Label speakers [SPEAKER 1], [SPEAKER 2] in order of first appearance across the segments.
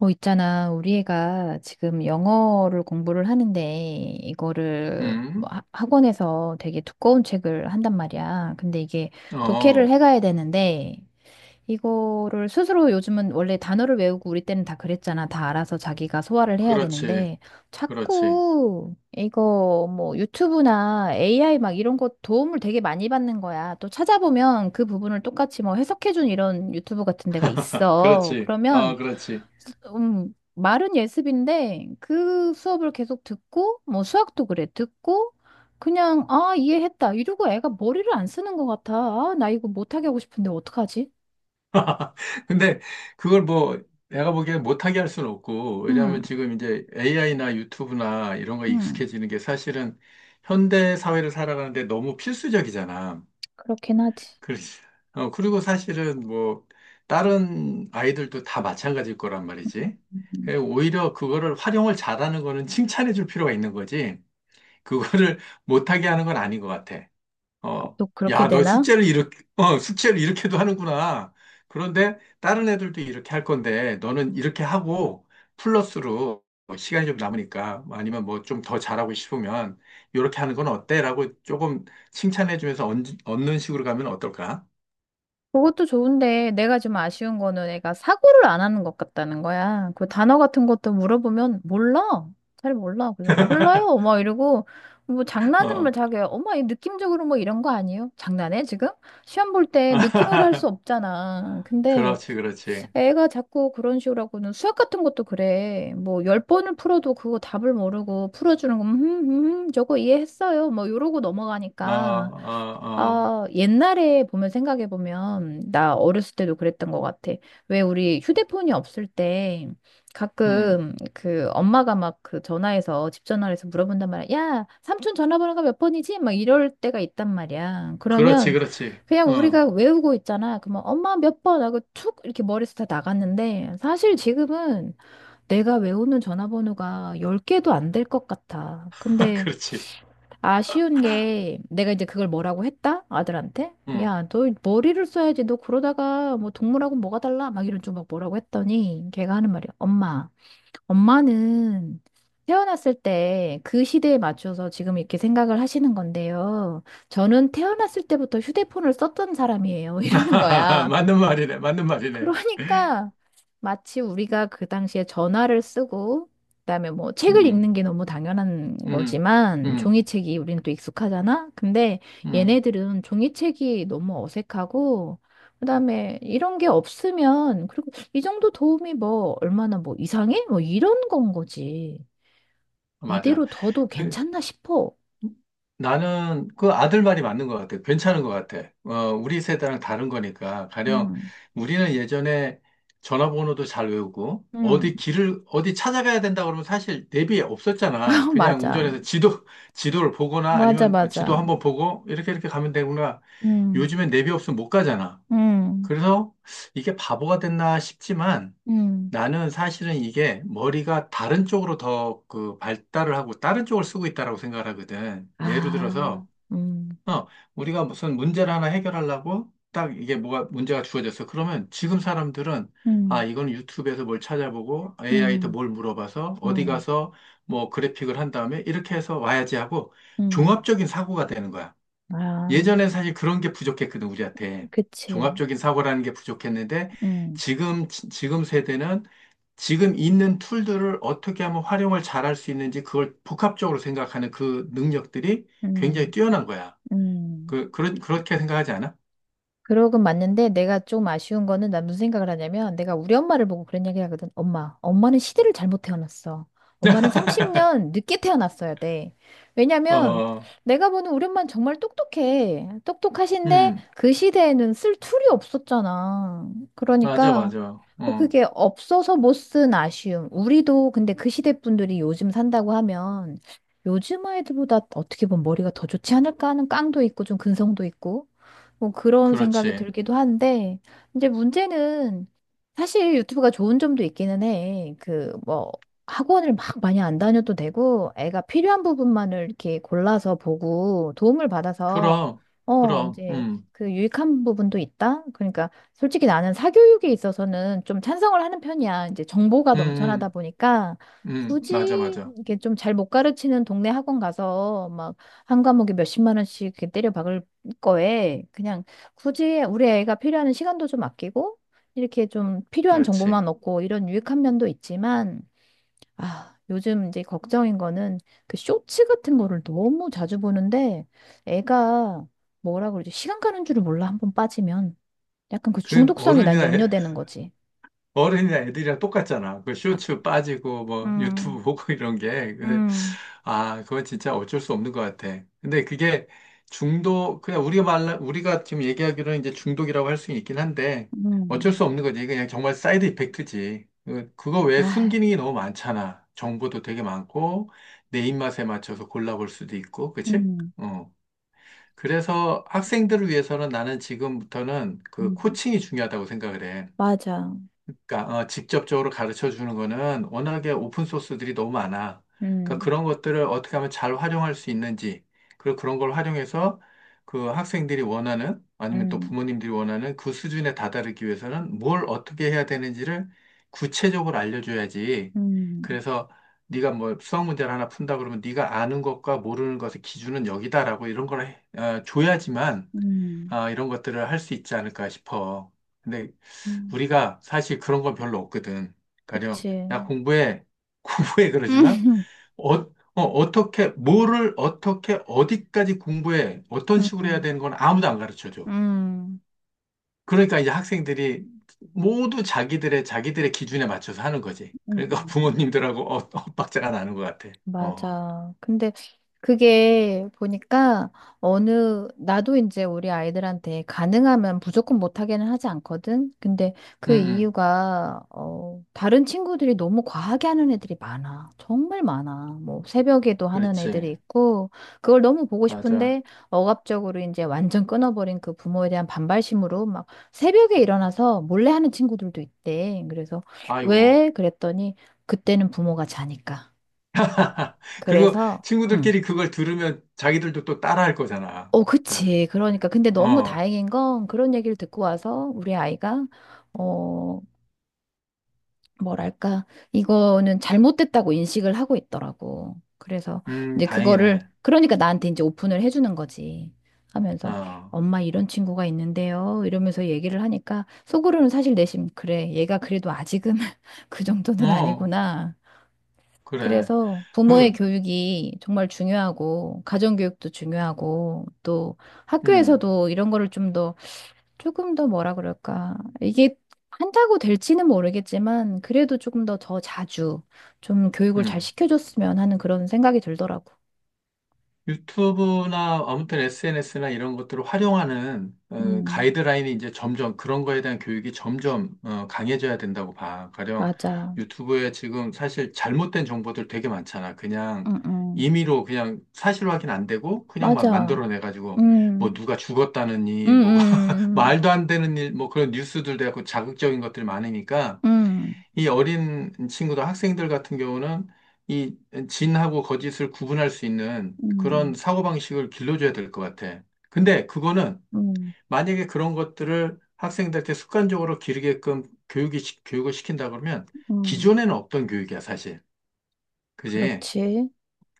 [SPEAKER 1] 있잖아. 우리 애가 지금 영어를 공부를 하는데, 이거를 뭐
[SPEAKER 2] 음,
[SPEAKER 1] 학원에서 되게 두꺼운 책을 한단 말이야. 근데 이게 독해를
[SPEAKER 2] 어,
[SPEAKER 1] 해가야 되는데, 이거를 스스로 요즘은 원래 단어를 외우고 우리 때는 다 그랬잖아. 다 알아서 자기가 소화를 해야
[SPEAKER 2] 그렇지.
[SPEAKER 1] 되는데
[SPEAKER 2] 그렇지.
[SPEAKER 1] 자꾸 이거 뭐 유튜브나 AI 막 이런 거 도움을 되게 많이 받는 거야. 또 찾아보면 그 부분을 똑같이 뭐 해석해준 이런 유튜브 같은 데가 있어.
[SPEAKER 2] 그렇지. 어,
[SPEAKER 1] 그러면
[SPEAKER 2] 그렇지.
[SPEAKER 1] 말은 예습인데 그 수업을 계속 듣고 뭐 수학도 그래. 듣고 그냥 아 이해했다 이러고 애가 머리를 안 쓰는 것 같아. 아, 나 이거 못하게 하고 싶은데 어떡하지?
[SPEAKER 2] 근데 그걸 뭐 내가 보기에 못하게 할 수는 없고,
[SPEAKER 1] 응,
[SPEAKER 2] 왜냐하면 지금 이제 AI나 유튜브나 이런 거
[SPEAKER 1] 응.
[SPEAKER 2] 익숙해지는 게 사실은 현대 사회를 살아가는데 너무 필수적이잖아.
[SPEAKER 1] 그렇긴 하지.
[SPEAKER 2] 그렇지. 어, 그리고 사실은 뭐 다른 아이들도 다 마찬가지일 거란 말이지.
[SPEAKER 1] 음,
[SPEAKER 2] 예, 오히려 그거를 활용을 잘하는 거는 칭찬해 줄 필요가 있는 거지. 그거를 못하게 하는 건 아닌 것 같아.
[SPEAKER 1] 아,
[SPEAKER 2] 어,
[SPEAKER 1] 또 그렇게
[SPEAKER 2] 야, 너
[SPEAKER 1] 되나?
[SPEAKER 2] 숙제를 이렇게, 어, 숙제를 이렇게도 하는구나. 그런데 다른 애들도 이렇게 할 건데, 너는 이렇게 하고, 플러스로 뭐 시간이 좀 남으니까, 아니면 뭐 좀 더 잘하고 싶으면, 이렇게 하는 건 어때? 라고 조금 칭찬해주면서 얹, 는 식으로 가면 어떨까?
[SPEAKER 1] 그것도 좋은데 내가 좀 아쉬운 거는 애가 사고를 안 하는 것 같다는 거야. 그 단어 같은 것도 물어보면 몰라. 잘 몰라. 그래서 몰라요. 막 이러고 뭐 장난은 뭐
[SPEAKER 2] 어,
[SPEAKER 1] 자기야. 엄마 이 느낌적으로 뭐 이런 거 아니에요? 장난해 지금? 시험 볼 때 느낌으로 할 수 없잖아. 근데
[SPEAKER 2] 그렇지, 그렇지.
[SPEAKER 1] 애가 자꾸 그런 식으로 하고는 수학 같은 것도 그래. 뭐 10번을 풀어도 그거 답을 모르고 풀어주는 거, 저거 이해했어요. 뭐 이러고
[SPEAKER 2] 어,
[SPEAKER 1] 넘어가니까.
[SPEAKER 2] 어, 어,
[SPEAKER 1] 아, 옛날에 보면 생각해 보면 나 어렸을 때도 그랬던 것 같아. 왜 우리 휴대폰이 없을 때
[SPEAKER 2] 음,
[SPEAKER 1] 가끔 그 엄마가 막 그 전화해서 집 전화해서 물어본단 말이야. 야, 삼촌 전화번호가 몇 번이지? 막 이럴 때가 있단 말이야.
[SPEAKER 2] 그렇지,
[SPEAKER 1] 그러면
[SPEAKER 2] 그렇지.
[SPEAKER 1] 그냥
[SPEAKER 2] 어,
[SPEAKER 1] 우리가 외우고 있잖아. 그러면 엄마 몇 번 하고 툭 이렇게 머리에서 다 나갔는데 사실 지금은 내가 외우는 전화번호가 10개도 안 될 것 같아. 근데
[SPEAKER 2] 그렇지.
[SPEAKER 1] 아쉬운 게 내가 이제 그걸 뭐라고 했다? 아들한테?
[SPEAKER 2] 음.
[SPEAKER 1] 야, 너 머리를 써야지. 너 그러다가 뭐 동물하고 뭐가 달라? 막 이런 좀 막 뭐라고 했더니 걔가 하는 말이야. 엄마, 엄마는 태어났을 때 그 시대에 맞춰서 지금 이렇게 생각을 하시는 건데요. 저는 태어났을 때부터 휴대폰을 썼던 사람이에요. 이러는 거야.
[SPEAKER 2] 맞는 말이네, 맞는 말이네.
[SPEAKER 1] 그러니까 마치 우리가 그 당시에 전화를 쓰고 그다음에 뭐 책을 읽는
[SPEAKER 2] 음,
[SPEAKER 1] 게 너무 당연한
[SPEAKER 2] 음,
[SPEAKER 1] 거지만
[SPEAKER 2] 음,
[SPEAKER 1] 종이책이 우리는 또 익숙하잖아. 근데
[SPEAKER 2] 음.
[SPEAKER 1] 얘네들은 종이책이 너무 어색하고 그다음에 이런 게 없으면 그리고 이 정도 도움이 뭐 얼마나 뭐 이상해? 뭐 이런 건 거지.
[SPEAKER 2] 맞아.
[SPEAKER 1] 이대로 둬도
[SPEAKER 2] 그,
[SPEAKER 1] 괜찮나 싶어.
[SPEAKER 2] 나는 그 아들 말이 맞는 것 같아. 괜찮은 것 같아. 어, 우리 세대랑 다른 거니까. 가령
[SPEAKER 1] 음.
[SPEAKER 2] 우리는 예전에 전화번호도 잘 외우고,
[SPEAKER 1] 음.
[SPEAKER 2] 어디 길을, 어디 찾아가야 된다 그러면 사실 내비 없었잖아. 그냥
[SPEAKER 1] 맞아.
[SPEAKER 2] 운전해서 지도, 지도를 보거나
[SPEAKER 1] 맞아,
[SPEAKER 2] 아니면 지도
[SPEAKER 1] 맞아.
[SPEAKER 2] 한번 보고, 이렇게 이렇게 가면 되구나.
[SPEAKER 1] 음.
[SPEAKER 2] 요즘엔 내비 없으면 못 가잖아.
[SPEAKER 1] 음.
[SPEAKER 2] 그래서 이게 바보가 됐나 싶지만,
[SPEAKER 1] 음.
[SPEAKER 2] 나는 사실은 이게 머리가 다른 쪽으로 더 그 발달을 하고 다른 쪽을 쓰고 있다라고 생각을 하거든. 예를
[SPEAKER 1] 아,
[SPEAKER 2] 들어서,
[SPEAKER 1] 음,
[SPEAKER 2] 어, 우리가 무슨 문제를 하나 해결하려고 딱 이게 뭐가 문제가 주어졌어. 그러면 지금 사람들은 아,
[SPEAKER 1] 음,
[SPEAKER 2] 이건 유튜브에서 뭘 찾아보고 AI한테
[SPEAKER 1] 음,
[SPEAKER 2] 뭘 물어봐서 어디
[SPEAKER 1] 음,
[SPEAKER 2] 가서 뭐 그래픽을 한 다음에 이렇게 해서 와야지 하고
[SPEAKER 1] 음.
[SPEAKER 2] 종합적인 사고가 되는 거야.
[SPEAKER 1] 아,
[SPEAKER 2] 예전엔 사실 그런 게 부족했거든, 우리한테.
[SPEAKER 1] 그치.
[SPEAKER 2] 종합적인 사고라는 게 부족했는데,
[SPEAKER 1] 음,
[SPEAKER 2] 지금 세대는 지금 있는 툴들을 어떻게 하면 활용을 잘할 수 있는지 그걸 복합적으로 생각하는 그 능력들이 굉장히
[SPEAKER 1] 음,
[SPEAKER 2] 뛰어난 거야.
[SPEAKER 1] 음.
[SPEAKER 2] 그렇게 생각하지 않아?
[SPEAKER 1] 그러긴 맞는데 내가 좀 아쉬운 거는 난 무슨 생각을 하냐면 내가 우리 엄마를 보고 그런 얘기를 하거든. 엄마, 엄마는 시대를 잘못 태어났어. 엄마는 30년 늦게 태어났어야 돼. 왜냐면
[SPEAKER 2] 어,
[SPEAKER 1] 내가 보는 우리 엄마는 정말 똑똑해. 똑똑하신데
[SPEAKER 2] 음,
[SPEAKER 1] 그 시대에는 쓸 툴이 없었잖아.
[SPEAKER 2] 맞아,
[SPEAKER 1] 그러니까
[SPEAKER 2] 맞아.
[SPEAKER 1] 뭐
[SPEAKER 2] 어,
[SPEAKER 1] 그게 없어서 못 쓴 아쉬움. 우리도 근데 그 시대 분들이 요즘 산다고 하면 요즘 아이들보다 어떻게 보면 머리가 더 좋지 않을까 하는 깡도 있고 좀 근성도 있고. 뭐 그런 생각이
[SPEAKER 2] 그렇지.
[SPEAKER 1] 들기도 한데, 이제 문제는 사실 유튜브가 좋은 점도 있기는 해. 그 뭐 학원을 막 많이 안 다녀도 되고, 애가 필요한 부분만을 이렇게 골라서 보고 도움을 받아서,
[SPEAKER 2] 그럼,
[SPEAKER 1] 어,
[SPEAKER 2] 그럼,
[SPEAKER 1] 이제 그 유익한 부분도 있다? 그러니까 솔직히 나는 사교육에 있어서는 좀 찬성을 하는 편이야. 이제 정보가
[SPEAKER 2] 음,
[SPEAKER 1] 넘쳐나다 보니까
[SPEAKER 2] 음, 맞아,
[SPEAKER 1] 굳이
[SPEAKER 2] 맞아.
[SPEAKER 1] 이게 좀 잘 못 가르치는 동네 학원 가서 막 한 과목에 몇십만 원씩 이렇게 때려 박을 거에 그냥 굳이 우리 애가 필요한 시간도 좀 아끼고 이렇게 좀 필요한
[SPEAKER 2] 그렇지.
[SPEAKER 1] 정보만 얻고 이런 유익한 면도 있지만 아, 요즘 이제 걱정인 거는 그 쇼츠 같은 거를 너무 자주 보는데 애가 뭐라 그러지? 시간 가는 줄을 몰라 한 번 빠지면 약간 그
[SPEAKER 2] 그
[SPEAKER 1] 중독성이 난
[SPEAKER 2] 어른이나
[SPEAKER 1] 염려되는 거지.
[SPEAKER 2] 어른이나 애들이랑 똑같잖아. 그
[SPEAKER 1] 아,
[SPEAKER 2] 쇼츠 빠지고 뭐
[SPEAKER 1] 음,
[SPEAKER 2] 유튜브 보고 이런 게. 근데
[SPEAKER 1] 음,
[SPEAKER 2] 아, 그건 진짜 어쩔 수 없는 것 같아. 근데 그게 중독 그냥 우리가 지금 얘기하기로는 이제 중독이라고 할 수 있긴 한데 어쩔
[SPEAKER 1] 음,
[SPEAKER 2] 수 없는 거지. 그냥 정말 사이드 이펙트지. 그거 외에
[SPEAKER 1] 아,
[SPEAKER 2] 순기능이 너무 많잖아. 정보도 되게 많고 내 입맛에 맞춰서 골라볼 수도 있고. 그치?
[SPEAKER 1] 음,
[SPEAKER 2] 어. 그래서 학생들을 위해서는 나는 지금부터는 그
[SPEAKER 1] 음,
[SPEAKER 2] 코칭이 중요하다고 생각을 해.
[SPEAKER 1] 맞아.
[SPEAKER 2] 그러니까 어, 직접적으로 가르쳐 주는 거는 워낙에 오픈 소스들이 너무 많아. 그러니까
[SPEAKER 1] 음,
[SPEAKER 2] 그런 것들을 어떻게 하면 잘 활용할 수 있는지, 그리고 그런 걸 활용해서 그 학생들이 원하는 아니면 또
[SPEAKER 1] 음,
[SPEAKER 2] 부모님들이 원하는 그 수준에 다다르기 위해서는 뭘 어떻게 해야 되는지를 구체적으로 알려줘야지.
[SPEAKER 1] 음,
[SPEAKER 2] 그래서 네가 뭐 수학 문제를 하나 푼다 그러면 네가 아는 것과 모르는 것의 기준은 여기다라고 이런 걸 줘야지만
[SPEAKER 1] 음,
[SPEAKER 2] 아, 이런 것들을 할 수 있지 않을까 싶어. 근데
[SPEAKER 1] 음,
[SPEAKER 2] 우리가 사실 그런 건 별로 없거든. 가령,
[SPEAKER 1] 그치.
[SPEAKER 2] 야, 공부해. 공부해.
[SPEAKER 1] 음,
[SPEAKER 2] 그러지만, 어, 어, 어떻게, 뭐를 어떻게, 어디까지 공부해. 어떤 식으로 해야
[SPEAKER 1] 음,
[SPEAKER 2] 되는 건 아무도 안 가르쳐 줘.
[SPEAKER 1] 음,
[SPEAKER 2] 그러니까 이제 학생들이 모두 자기들의 기준에 맞춰서 하는 거지.
[SPEAKER 1] 음,
[SPEAKER 2] 그러니까
[SPEAKER 1] 음.
[SPEAKER 2] 부모님들하고 엇박자가 나는 것 같아. 어,
[SPEAKER 1] 맞아. 근데, 그게 보니까 어느 나도 이제 우리 아이들한테 가능하면 무조건 못하게는 하지 않거든. 근데
[SPEAKER 2] 응,
[SPEAKER 1] 그
[SPEAKER 2] 응.
[SPEAKER 1] 이유가 어 다른 친구들이 너무 과하게 하는 애들이 많아. 정말 많아. 뭐 새벽에도 하는
[SPEAKER 2] 그렇지.
[SPEAKER 1] 애들이 있고 그걸 너무 보고
[SPEAKER 2] 맞아.
[SPEAKER 1] 싶은데 억압적으로 이제 완전 끊어버린 그 부모에 대한 반발심으로 막 새벽에 일어나서 몰래 하는 친구들도 있대. 그래서
[SPEAKER 2] 아이고.
[SPEAKER 1] 왜 그랬더니 그때는 부모가 자니까.
[SPEAKER 2] 그리고
[SPEAKER 1] 그래서 응.
[SPEAKER 2] 친구들끼리 그걸 들으면 자기들도 또 따라할 거잖아.
[SPEAKER 1] 어,
[SPEAKER 2] 그래.
[SPEAKER 1] 그치. 그러니까. 근데 너무
[SPEAKER 2] 어,
[SPEAKER 1] 다행인 건 그런 얘기를 듣고 와서 우리 아이가, 어, 뭐랄까, 이거는 잘못됐다고 인식을 하고 있더라고. 그래서 이제 그거를,
[SPEAKER 2] 다행이네.
[SPEAKER 1] 그러니까 나한테 이제 오픈을 해주는 거지. 하면서,
[SPEAKER 2] 어,
[SPEAKER 1] 엄마 이런 친구가 있는데요. 이러면서 얘기를 하니까 속으로는 사실 내심, 그래. 얘가 그래도 아직은 그 정도는
[SPEAKER 2] 어,
[SPEAKER 1] 아니구나.
[SPEAKER 2] 그래.
[SPEAKER 1] 그래서 부모의
[SPEAKER 2] 그,
[SPEAKER 1] 교육이 정말 중요하고, 가정교육도 중요하고, 또
[SPEAKER 2] 음,
[SPEAKER 1] 학교에서도 이런 거를 좀 더, 조금 더 뭐라 그럴까. 이게 한다고 될지는 모르겠지만, 그래도 조금 더 더 자주 좀 교육을 잘
[SPEAKER 2] 음.
[SPEAKER 1] 시켜줬으면 하는 그런 생각이 들더라고.
[SPEAKER 2] 유튜브나 아무튼 SNS나 이런 것들을 활용하는 어,
[SPEAKER 1] 음,
[SPEAKER 2] 가이드라인이 이제 점점 그런 거에 대한 교육이 점점 어, 강해져야 된다고 봐. 가령
[SPEAKER 1] 맞아.
[SPEAKER 2] 유튜브에 지금 사실 잘못된 정보들 되게 많잖아. 그냥
[SPEAKER 1] 응응
[SPEAKER 2] 임의로 그냥 사실 확인 안 되고 그냥 막
[SPEAKER 1] 맞아.
[SPEAKER 2] 만들어내가지고 뭐
[SPEAKER 1] 음,
[SPEAKER 2] 누가
[SPEAKER 1] 음,
[SPEAKER 2] 죽었다느니 뭐
[SPEAKER 1] 음,
[SPEAKER 2] 말도 안 되는 일 뭐 그런 뉴스들 돼갖고 자극적인 것들이 많으니까
[SPEAKER 1] 음,
[SPEAKER 2] 이 어린 친구들, 학생들 같은 경우는 이 진하고 거짓을 구분할 수 있는
[SPEAKER 1] 음,
[SPEAKER 2] 그런
[SPEAKER 1] 음,
[SPEAKER 2] 사고방식을 길러줘야 될 것 같아. 근데 그거는
[SPEAKER 1] 음,
[SPEAKER 2] 만약에 그런 것들을 학생들한테 습관적으로 기르게끔 교육이, 교육을 시킨다 그러면
[SPEAKER 1] 음.
[SPEAKER 2] 기존에는 없던 교육이야, 사실. 그지?
[SPEAKER 1] 그렇지.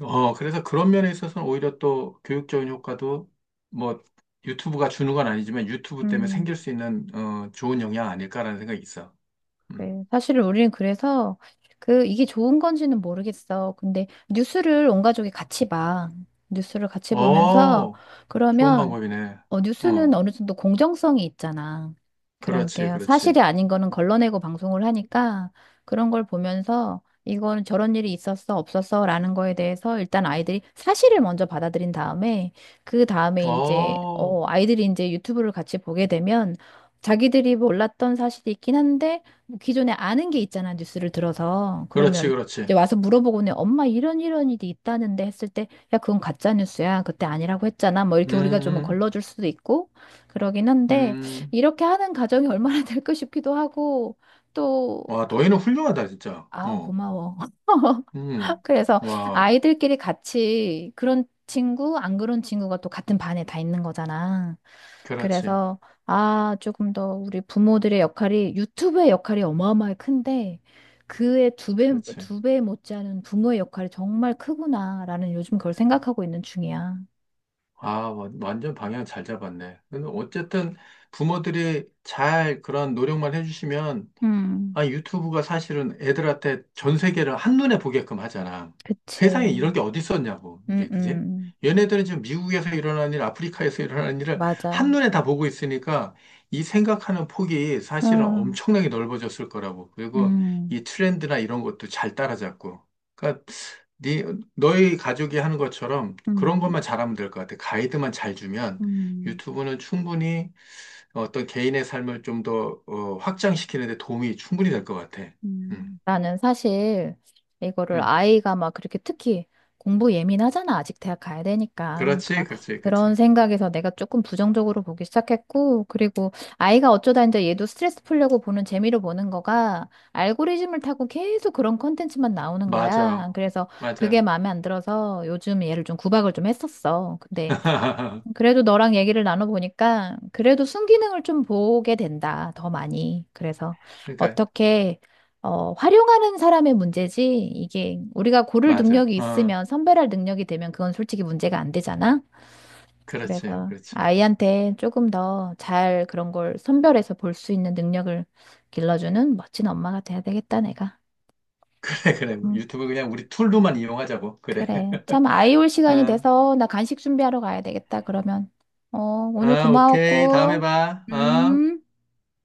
[SPEAKER 2] 어, 그래서 그런 면에 있어서는 오히려 또 교육적인 효과도 뭐 유튜브가 주는 건 아니지만 유튜브 때문에 생길 수 있는 어, 좋은 영향 아닐까라는 생각이 있어. 음.
[SPEAKER 1] 네, 사실은 우리는 그래서 그 이게 좋은 건지는 모르겠어. 근데 뉴스를 온 가족이 같이 봐. 뉴스를 같이 보면서
[SPEAKER 2] 어, 좋은
[SPEAKER 1] 그러면
[SPEAKER 2] 방법이네.
[SPEAKER 1] 어, 뉴스는
[SPEAKER 2] 어,
[SPEAKER 1] 어느 정도 공정성이 있잖아.
[SPEAKER 2] 그렇지,
[SPEAKER 1] 그러니까
[SPEAKER 2] 그렇지.
[SPEAKER 1] 사실이 아닌 거는 걸러내고 방송을 하니까 그런 걸 보면서 이거는 저런 일이 있었어, 없었어 라는 거에 대해서 일단 아이들이 사실을 먼저 받아들인 다음에 그 다음에 이제
[SPEAKER 2] 어,
[SPEAKER 1] 어, 아이들이 이제 유튜브를 같이 보게 되면 자기들이 몰랐던 사실이 있긴 한데 뭐 기존에 아는 게 있잖아, 뉴스를 들어서.
[SPEAKER 2] 그렇지,
[SPEAKER 1] 그러면 이제
[SPEAKER 2] 그렇지.
[SPEAKER 1] 와서 물어보고는 엄마 이런 이런 일이 있다는데 했을 때 야, 그건 가짜 뉴스야. 그때 아니라고 했잖아. 뭐
[SPEAKER 2] 음,
[SPEAKER 1] 이렇게 우리가 좀
[SPEAKER 2] 음,
[SPEAKER 1] 걸러줄 수도 있고 그러긴 한데
[SPEAKER 2] 음.
[SPEAKER 1] 이렇게 하는 가정이 얼마나 될까 싶기도 하고 또
[SPEAKER 2] 와,
[SPEAKER 1] 그,
[SPEAKER 2] 너희는 훌륭하다, 진짜.
[SPEAKER 1] 아우,
[SPEAKER 2] 어,
[SPEAKER 1] 고마워.
[SPEAKER 2] 음.
[SPEAKER 1] 그래서
[SPEAKER 2] 와,
[SPEAKER 1] 아이들끼리 같이 그런 친구, 안 그런 친구가 또 같은 반에 다 있는 거잖아.
[SPEAKER 2] 그렇지,
[SPEAKER 1] 그래서, 아, 조금 더 우리 부모들의 역할이, 유튜브의 역할이 어마어마하게 큰데, 그의 두 배,
[SPEAKER 2] 그렇지.
[SPEAKER 1] 두 배 못지않은 부모의 역할이 정말 크구나라는 요즘 그걸 생각하고 있는 중이야.
[SPEAKER 2] 아, 완전 방향 잘 잡았네. 근데 어쨌든 부모들이 잘 그런 노력만 해주시면
[SPEAKER 1] 음,
[SPEAKER 2] 아, 유튜브가 사실은 애들한테 전 세계를 한눈에 보게끔 하잖아. 세상에
[SPEAKER 1] 그치.
[SPEAKER 2] 이런 게 어디 있었냐고,
[SPEAKER 1] 음,
[SPEAKER 2] 이게, 그지?
[SPEAKER 1] 음,
[SPEAKER 2] 얘네들은 지금 미국에서 일어나는 일, 아프리카에서 일어나는 일을
[SPEAKER 1] 맞아.
[SPEAKER 2] 한눈에 다 보고 있으니까 이 생각하는 폭이 사실은
[SPEAKER 1] 아,
[SPEAKER 2] 엄청나게 넓어졌을 거라고. 그리고
[SPEAKER 1] 음,
[SPEAKER 2] 이 트렌드나 이런 것도 잘 따라잡고. 그러니까 네, 너희 가족이 하는 것처럼 그런
[SPEAKER 1] 음,
[SPEAKER 2] 것만 잘하면 될 것 같아. 가이드만 잘 주면
[SPEAKER 1] 음.
[SPEAKER 2] 유튜브는 충분히 어떤 개인의 삶을 좀더 어, 확장시키는 데 도움이 충분히 될 것 같아. 음,
[SPEAKER 1] 음. 나는 사실 이거를
[SPEAKER 2] 음.
[SPEAKER 1] 아이가 막 그렇게 특히 공부 예민하잖아. 아직 대학 가야 되니까.
[SPEAKER 2] 그렇지,
[SPEAKER 1] 그러니까
[SPEAKER 2] 그렇지,
[SPEAKER 1] 그런
[SPEAKER 2] 그렇지.
[SPEAKER 1] 생각에서 내가 조금 부정적으로 보기 시작했고, 그리고 아이가 어쩌다 이제 얘도 스트레스 풀려고 보는 재미로 보는 거가 알고리즘을 타고 계속 그런 컨텐츠만 나오는 거야.
[SPEAKER 2] 맞아,
[SPEAKER 1] 그래서 그게
[SPEAKER 2] 맞아.
[SPEAKER 1] 마음에 안 들어서 요즘 얘를 좀 구박을 좀 했었어. 근데 그래도 너랑 얘기를 나눠보니까 그래도 순기능을 좀 보게 된다, 더 많이. 그래서
[SPEAKER 2] 그러니까,
[SPEAKER 1] 어떻게 어, 활용하는 사람의 문제지 이게 우리가 고를
[SPEAKER 2] 맞아.
[SPEAKER 1] 능력이
[SPEAKER 2] 어,
[SPEAKER 1] 있으면 선별할 능력이 되면 그건 솔직히 문제가 안 되잖아.
[SPEAKER 2] 그렇지,
[SPEAKER 1] 그래서
[SPEAKER 2] 그렇지.
[SPEAKER 1] 아이한테 조금 더 잘 그런 걸 선별해서 볼 수 있는 능력을 길러주는 멋진 엄마가 돼야 되겠다, 내가.
[SPEAKER 2] 그래, 그래.
[SPEAKER 1] 응.
[SPEAKER 2] 유튜브 그냥 우리 툴로만 이용하자고. 그래.
[SPEAKER 1] 그래. 참, 아이 올 시간이
[SPEAKER 2] 어,
[SPEAKER 1] 돼서 나 간식 준비하러 가야 되겠다, 그러면. 어, 오늘
[SPEAKER 2] 어, 오케이. 다음에
[SPEAKER 1] 고마웠고,
[SPEAKER 2] 봐. 어.
[SPEAKER 1] 음.